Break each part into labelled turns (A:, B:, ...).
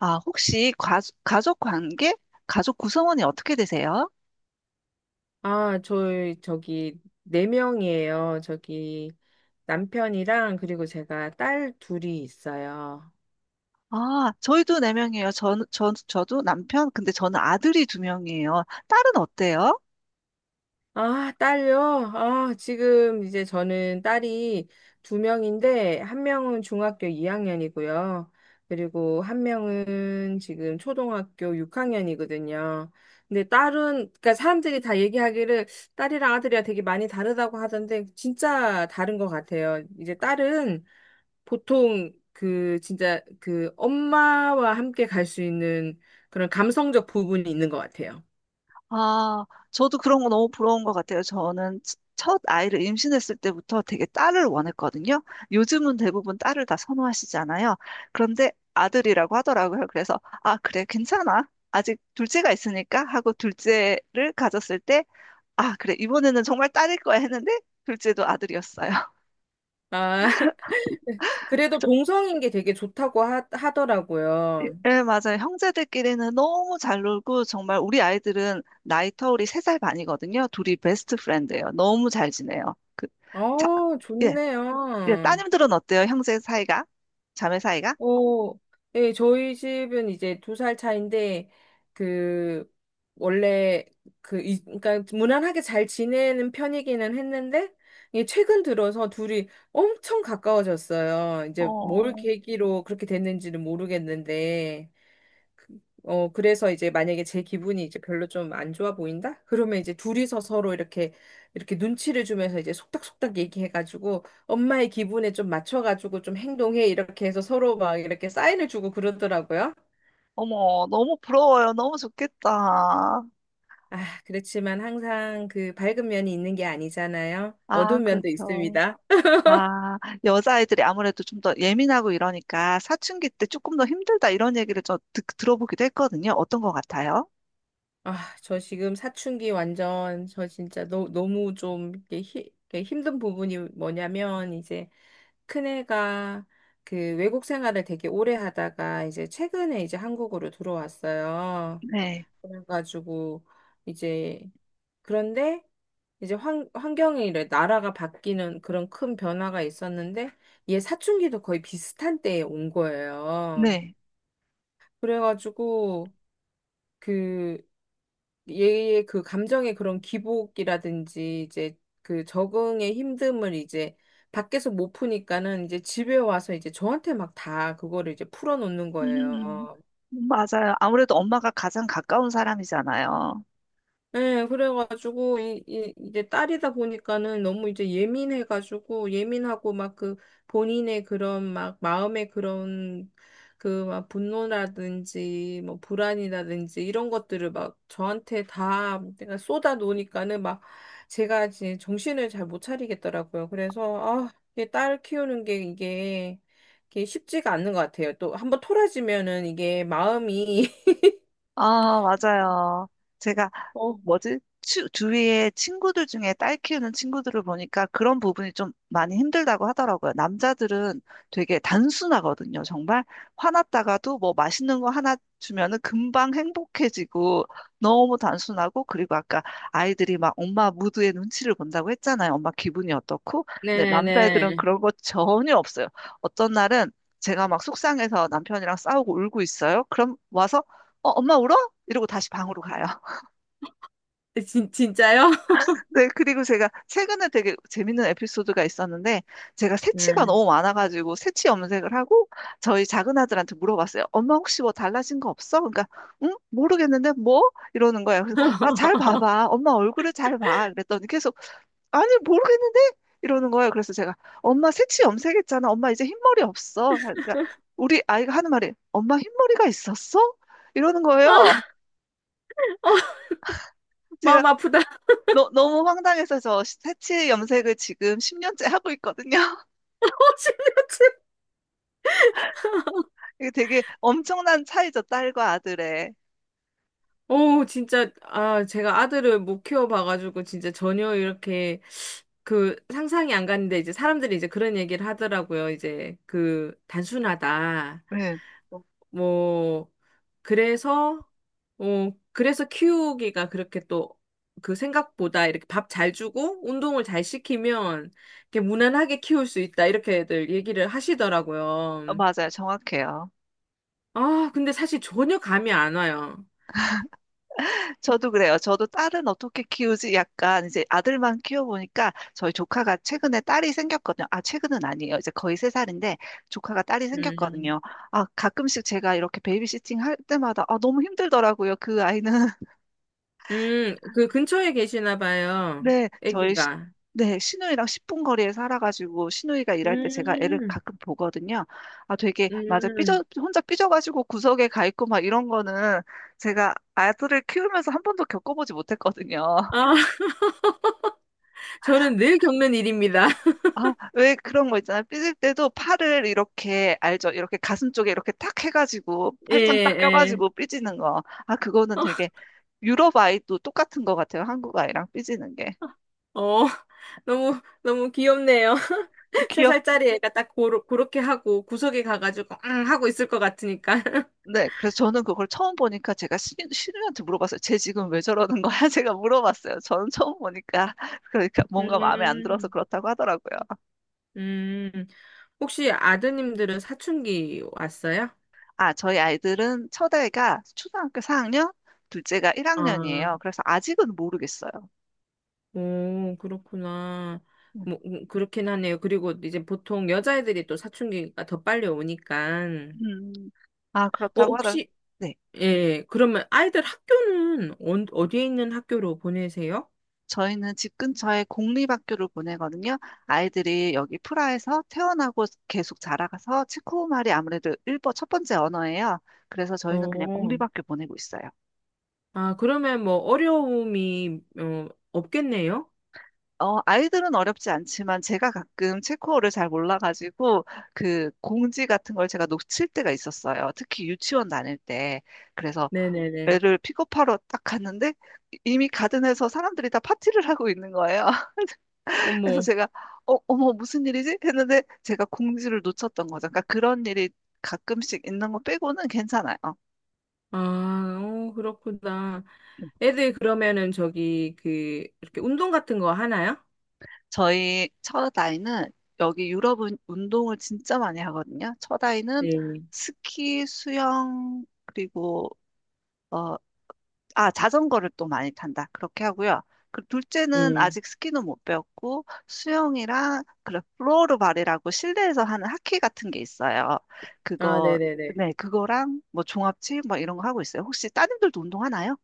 A: 아, 혹시 가족 관계? 가족 구성원이 어떻게 되세요?
B: 아, 저희 저기 네 명이에요. 저기 남편이랑 그리고 제가 딸 둘이 있어요.
A: 아, 저희도 네명이에요. 저도 남편, 근데 저는 아들이 두명이에요. 딸은 어때요?
B: 아, 딸요? 아, 지금 이제 저는 딸이 두 명인데, 한 명은 중학교 2학년이고요. 그리고 한 명은 지금 초등학교 6학년이거든요. 근데 딸은, 그러니까 사람들이 다 얘기하기를 딸이랑 아들이랑 되게 많이 다르다고 하던데, 진짜 다른 것 같아요. 이제 딸은 보통 그 진짜 그 엄마와 함께 갈 수 있는 그런 감성적 부분이 있는 것 같아요.
A: 아, 저도 그런 거 너무 부러운 것 같아요. 저는 첫 아이를 임신했을 때부터 되게 딸을 원했거든요. 요즘은 대부분 딸을 다 선호하시잖아요. 그런데 아들이라고 하더라고요. 그래서, 아, 그래, 괜찮아. 아직 둘째가 있으니까 하고 둘째를 가졌을 때, 아, 그래. 이번에는 정말 딸일 거야 했는데, 둘째도 아들이었어요.
B: 아, 그래도
A: 저-
B: 동성인 게 되게 좋다고 하더라고요.
A: 예, 예, 맞아요. 형제들끼리는 너무 잘 놀고, 정말 우리 아이들은 나이 터울이 3살 반이거든요. 둘이 베스트 프렌드예요. 너무 잘 지내요. 그, 자,
B: 어,
A: 예, 예.
B: 좋네요.
A: 따님들은 어때요? 형제 사이가? 자매 사이가?
B: 어, 예, 저희 집은 이제 두 살 차인데, 그, 원래, 그, 이, 그러니까 무난하게 잘 지내는 편이기는 했는데, 이게 최근 들어서 둘이 엄청 가까워졌어요. 이제 뭘
A: 어,
B: 계기로 그렇게 됐는지는 모르겠는데, 어, 그래서 이제 만약에 제 기분이 이제 별로 좀 안 좋아 보인다? 그러면 이제 둘이서 서로 이렇게, 이렇게 눈치를 주면서 이제 속닥속닥 얘기해가지고 엄마의 기분에 좀 맞춰가지고 좀 행동해. 이렇게 해서 서로 막 이렇게 사인을 주고 그러더라고요.
A: 어머, 너무 부러워요. 너무 좋겠다.
B: 아, 그렇지만 항상 그 밝은 면이 있는 게 아니잖아요.
A: 아,
B: 어두운 면도
A: 그렇죠.
B: 있습니다.
A: 아, 여자아이들이 아무래도 좀 더 예민하고 이러니까 사춘기 때 조금 더 힘들다 이런 얘기를 저 들어보기도 했거든요. 어떤 것 같아요?
B: 아, 저 지금 사춘기 완전, 저 진짜 너무 좀 이렇게 히, 이렇게 힘든 부분이 뭐냐면, 이제 큰애가 그 외국 생활을 되게 오래 하다가 이제 최근에 이제 한국으로 들어왔어요.
A: 네,
B: 그래가지고 이제 그런데 이제 환경이 이래 나라가 바뀌는 그런 큰 변화가 있었는데 얘 사춘기도 거의 비슷한 때에 온 거예요.
A: 네.
B: 그래가지고 그 얘의 그 감정의 그런 기복이라든지 이제 그 적응의 힘듦을 이제 밖에서 못 푸니까는 이제 집에 와서 이제 저한테 막 다 그거를 이제 풀어놓는
A: 음,
B: 거예요.
A: 맞아요. 아무래도 엄마가 가장 가까운 사람이잖아요.
B: 네, 그래가지고, 이제 딸이다 보니까는 너무 이제 예민해가지고, 예민하고 막 그 본인의 그런 막 마음의 그런 그 막 분노라든지 뭐 불안이라든지 이런 것들을 막 저한테 다 내가 쏟아 놓으니까는 막 제가 이제 정신을 잘 못 차리겠더라고요. 그래서, 아, 이게 딸 키우는 게 이게, 이게 쉽지가 않는 것 같아요. 또 한번 토라지면은 이게 마음이,
A: 아, 맞아요. 제가
B: 어,
A: 뭐지? 주위에 친구들 중에 딸 키우는 친구들을 보니까 그런 부분이 좀 많이 힘들다고 하더라고요. 남자들은 되게 단순하거든요. 정말 화났다가도 뭐 맛있는 거 하나 주면은 금방 행복해지고 너무 단순하고. 그리고 아까 아이들이 막 엄마 무드의 눈치를 본다고 했잖아요. 엄마 기분이 어떻고. 근데 남자애들은
B: 네네.
A: 그런 거 전혀 없어요. 어떤 날은 제가 막 속상해서 남편이랑 싸우고 울고 있어요. 그럼 와서, 어, 엄마 울어? 이러고 다시 방으로 가요.
B: 진짜요?
A: 네, 그리고 제가 최근에 되게 재밌는 에피소드가 있었는데, 제가 새치가
B: 네.
A: 너무 많아가지고, 새치 염색을 하고, 저희 작은 아들한테 물어봤어요. 엄마 혹시 뭐 달라진 거 없어? 그러니까, 응? 모르겠는데, 뭐? 이러는 거예요. 그래서, 아, 잘 봐봐. 엄마 얼굴을 잘 봐. 그랬더니 계속, 아니, 모르겠는데? 이러는 거예요. 그래서 제가, 엄마 새치 염색했잖아. 엄마 이제 흰머리 없어. 그러니까, 우리 아이가 하는 말이, 엄마 흰머리가 있었어? 이러는 거예요. 제가
B: 마음 아프다. 어,
A: 너무 황당해서 저 새치 염색을 지금 10년째 하고 있거든요.
B: 심
A: 이게 되게 엄청난 차이죠, 딸과 아들의.
B: 오, 진짜, 아, 제가 아들을 못 키워봐가지고, 진짜 전혀 이렇게, 그, 상상이 안 갔는데, 이제 사람들이 이제 그런 얘기를 하더라고요. 이제, 그, 단순하다.
A: 네.
B: 뭐, 뭐, 그래서, 어, 그래서 키우기가 그렇게 또, 그 생각보다 이렇게 밥 잘 주고, 운동을 잘 시키면, 이렇게 무난하게 키울 수 있다. 이렇게들 얘기를 하시더라고요.
A: 어, 맞아요. 정확해요.
B: 아, 근데 사실 전혀 감이 안 와요.
A: 저도 그래요. 저도 딸은 어떻게 키우지? 약간 이제 아들만 키워보니까 저희 조카가 최근에 딸이 생겼거든요. 아, 최근은 아니에요. 이제 거의 세살인데 조카가 딸이
B: 음,
A: 생겼거든요. 아, 가끔씩 제가 이렇게 베이비시팅 할 때마다, 아, 너무 힘들더라고요. 그 아이는.
B: 그 근처에 계시나 봐요.
A: 네, 저희 시,
B: 아기가.
A: 네, 시누이랑 10분 거리에 살아가지고 시누이가 일할 때 제가 애를
B: 음,
A: 가끔 보거든요. 아, 되게 맞아 삐져,
B: 음.
A: 혼자 삐져가지고 구석에 가 있고 막 이런 거는 제가 아들을 키우면서 한 번도 겪어보지 못했거든요.
B: 아, 저는 늘 겪는 일입니다.
A: 아, 왜 그런 거 있잖아요. 삐질 때도 팔을 이렇게, 알죠? 이렇게 가슴 쪽에 이렇게 탁 해가지고
B: 예,
A: 팔짱 딱
B: 예.
A: 껴가지고 삐지는 거. 아, 그거는 되게 유럽 아이도 똑같은 것 같아요. 한국 아이랑 삐지는 게.
B: 어, 너무, 너무 귀엽네요. 세 살짜리 애가 딱 고로, 그렇게 하고 구석에 가가지고, 앙 하고 있을 것 같으니까.
A: 네, 그래서 저는 그걸 처음 보니까 제가 신우한테 물어봤어요. 쟤 지금 왜 저러는 거야? 제가 물어봤어요. 저는 처음 보니까. 그러니까 뭔가 마음에 안 들어서
B: 음,
A: 그렇다고 하더라고요.
B: 음. 혹시 아드님들은 사춘기 왔어요?
A: 아, 저희 아이들은 첫애가 초등학교 4학년, 둘째가
B: 아,
A: 1학년이에요. 그래서 아직은 모르겠어요.
B: 오, 그렇구나. 뭐, 그렇긴 하네요. 그리고 이제 보통 여자애들이 또 사춘기가 더 빨리 오니까.
A: 음, 아,
B: 어,
A: 그렇다고 하더라고요.
B: 혹시, 예, 그러면 아이들 학교는 언- 어디에 있는 학교로 보내세요?
A: 저희는 집 근처에 공립학교를 보내거든요. 아이들이 여기 프라에서 태어나고 계속 자라가서 체코말이 아무래도 일본 첫 번째 언어예요. 그래서 저희는 그냥
B: 어,
A: 공립학교 보내고 있어요.
B: 아, 그러면 뭐 어려움이, 어, 없겠네요?
A: 어, 아이들은 어렵지 않지만 제가 가끔 체코어를 잘 몰라가지고 그 공지 같은 걸 제가 놓칠 때가 있었어요. 특히 유치원 다닐 때. 그래서
B: 네네네.
A: 애를 픽업하러 딱 갔는데 이미 가든에서 사람들이 다 파티를 하고 있는 거예요. 그래서
B: 어머,
A: 제가, 어, 어머 무슨 일이지? 했는데 제가 공지를 놓쳤던 거죠. 그러니까 그런 일이 가끔씩 있는 거 빼고는 괜찮아요. 어,
B: 아, 어, 그렇구나.
A: 음.
B: 애들 그러면은 저기, 그, 이렇게 운동 같은 거 하나요?
A: 저희 처다이는, 여기 유럽은 운동을 진짜 많이 하거든요. 처다이는
B: 네.
A: 스키, 수영 그리고 어, 아, 자전거를 또 많이 탄다. 그렇게 하고요. 그 둘째는
B: 음.
A: 아직 스키는 못 배웠고 수영이랑, 그래, 플로어볼이라고 실내에서 하는 하키 같은 게 있어요.
B: 아,
A: 그거,
B: 네네네.
A: 네, 그거랑 뭐 종합체 뭐 이런 거 하고 있어요. 혹시 따님들도 운동하나요?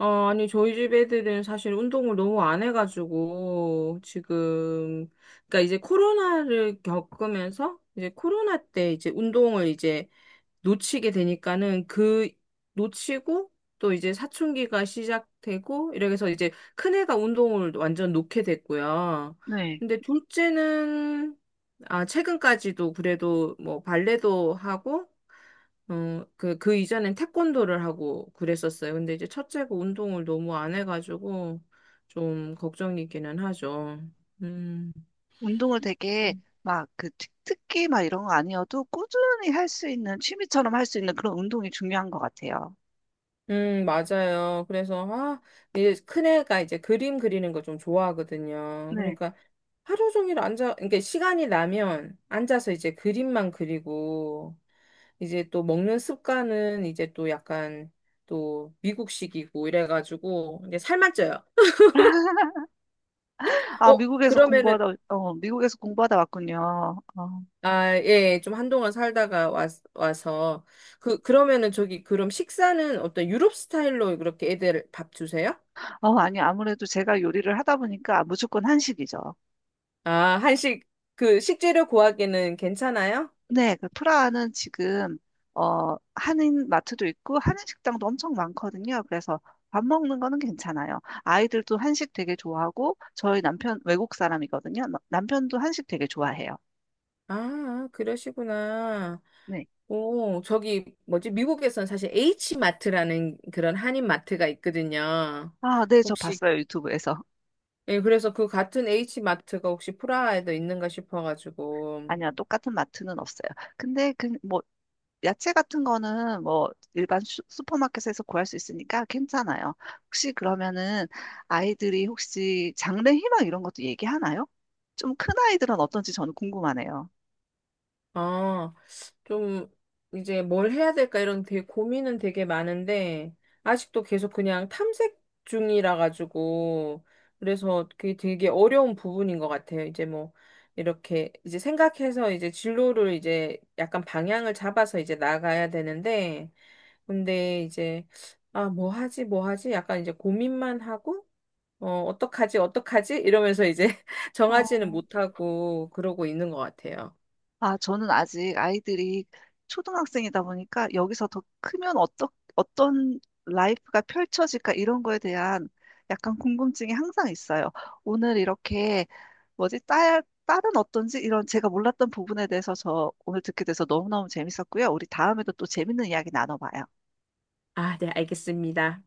B: 어, 아니, 저희 집 애들은 사실 운동을 너무 안 해가지고, 지금, 그러니까 이제 코로나를 겪으면서, 이제 코로나 때 이제 운동을 이제 놓치게 되니까는 그 놓치고 또 이제 사춘기가 시작되고 이렇게 해서 이제 큰애가 운동을 완전 놓게 됐고요.
A: 네.
B: 근데 둘째는 아 최근까지도 그래도 뭐 발레도 하고 어, 그, 그 이전엔 태권도를 하고 그랬었어요. 근데 이제 첫째가 운동을 너무 안 해가지고 좀 걱정이기는 하죠. 음.
A: 운동을 되게 막 그 특기 막 이런 거 아니어도 꾸준히 할 수 있는, 취미처럼 할 수 있는 그런 운동이 중요한 것 같아요.
B: 맞아요. 그래서, 아, 이제 큰애가 이제 그림 그리는 거 좀 좋아하거든요.
A: 네.
B: 그러니까 하루 종일 앉아, 그러니까 시간이 나면 앉아서 이제 그림만 그리고, 이제 또 먹는 습관은 이제 또 약간 또 미국식이고 이래가지고, 이제 살만 쪄요.
A: 아,
B: 어,
A: 미국에서
B: 그러면은,
A: 공부하다, 어, 미국에서 공부하다 왔군요. 어.
B: 아, 예, 좀 한동안 살다가 와, 와서, 그, 그러면은 저기, 그럼 식사는 어떤 유럽 스타일로 그렇게 애들 밥 주세요?
A: 어, 아니, 아무래도 제가 요리를 하다 보니까 무조건 한식이죠.
B: 아, 한식, 그, 식재료 구하기는 괜찮아요?
A: 네, 그 프라하는 지금, 어, 한인 마트도 있고, 한인 식당도 엄청 많거든요. 그래서 밥 먹는 거는 괜찮아요. 아이들도 한식 되게 좋아하고, 저희 남편 외국 사람이거든요. 남편도 한식 되게 좋아해요.
B: 아, 그러시구나.
A: 네.
B: 오, 저기, 뭐지, 미국에선 사실 H마트라는 그런 한인 마트가 있거든요.
A: 아, 네, 저
B: 혹시,
A: 봤어요. 유튜브에서.
B: 예, 그래서 그 같은 H마트가 혹시 프라하에도 있는가 싶어가지고.
A: 아니야, 똑같은 마트는 없어요. 근데 그, 뭐, 야채 같은 거는 뭐 일반 슈퍼마켓에서 구할 수 있으니까 괜찮아요. 혹시 그러면은 아이들이 혹시 장래 희망 이런 것도 얘기하나요? 좀 큰 아이들은 어떤지 저는 궁금하네요.
B: 아, 좀 이제 뭘 해야 될까 이런 되게 고민은 되게 많은데 아직도 계속 그냥 탐색 중이라 가지고 그래서 그게 되게 어려운 부분인 것 같아요. 이제 뭐 이렇게 이제 생각해서 이제 진로를 이제 약간 방향을 잡아서 이제 나가야 되는데 근데 이제 아 뭐 하지 뭐 하지 약간 이제 고민만 하고 어 어떡하지 어떡하지 이러면서 이제 정하지는
A: 어.
B: 못하고 그러고 있는 것 같아요.
A: 아, 저는 아직 아이들이 초등학생이다 보니까 여기서 더 크면 어떤 라이프가 펼쳐질까 이런 거에 대한 약간 궁금증이 항상 있어요. 오늘 이렇게 뭐지? 딸은 어떤지 이런 제가 몰랐던 부분에 대해서 저 오늘 듣게 돼서 너무너무 재밌었고요. 우리 다음에도 또 재밌는 이야기 나눠봐요.
B: 아, 네, 알겠습니다.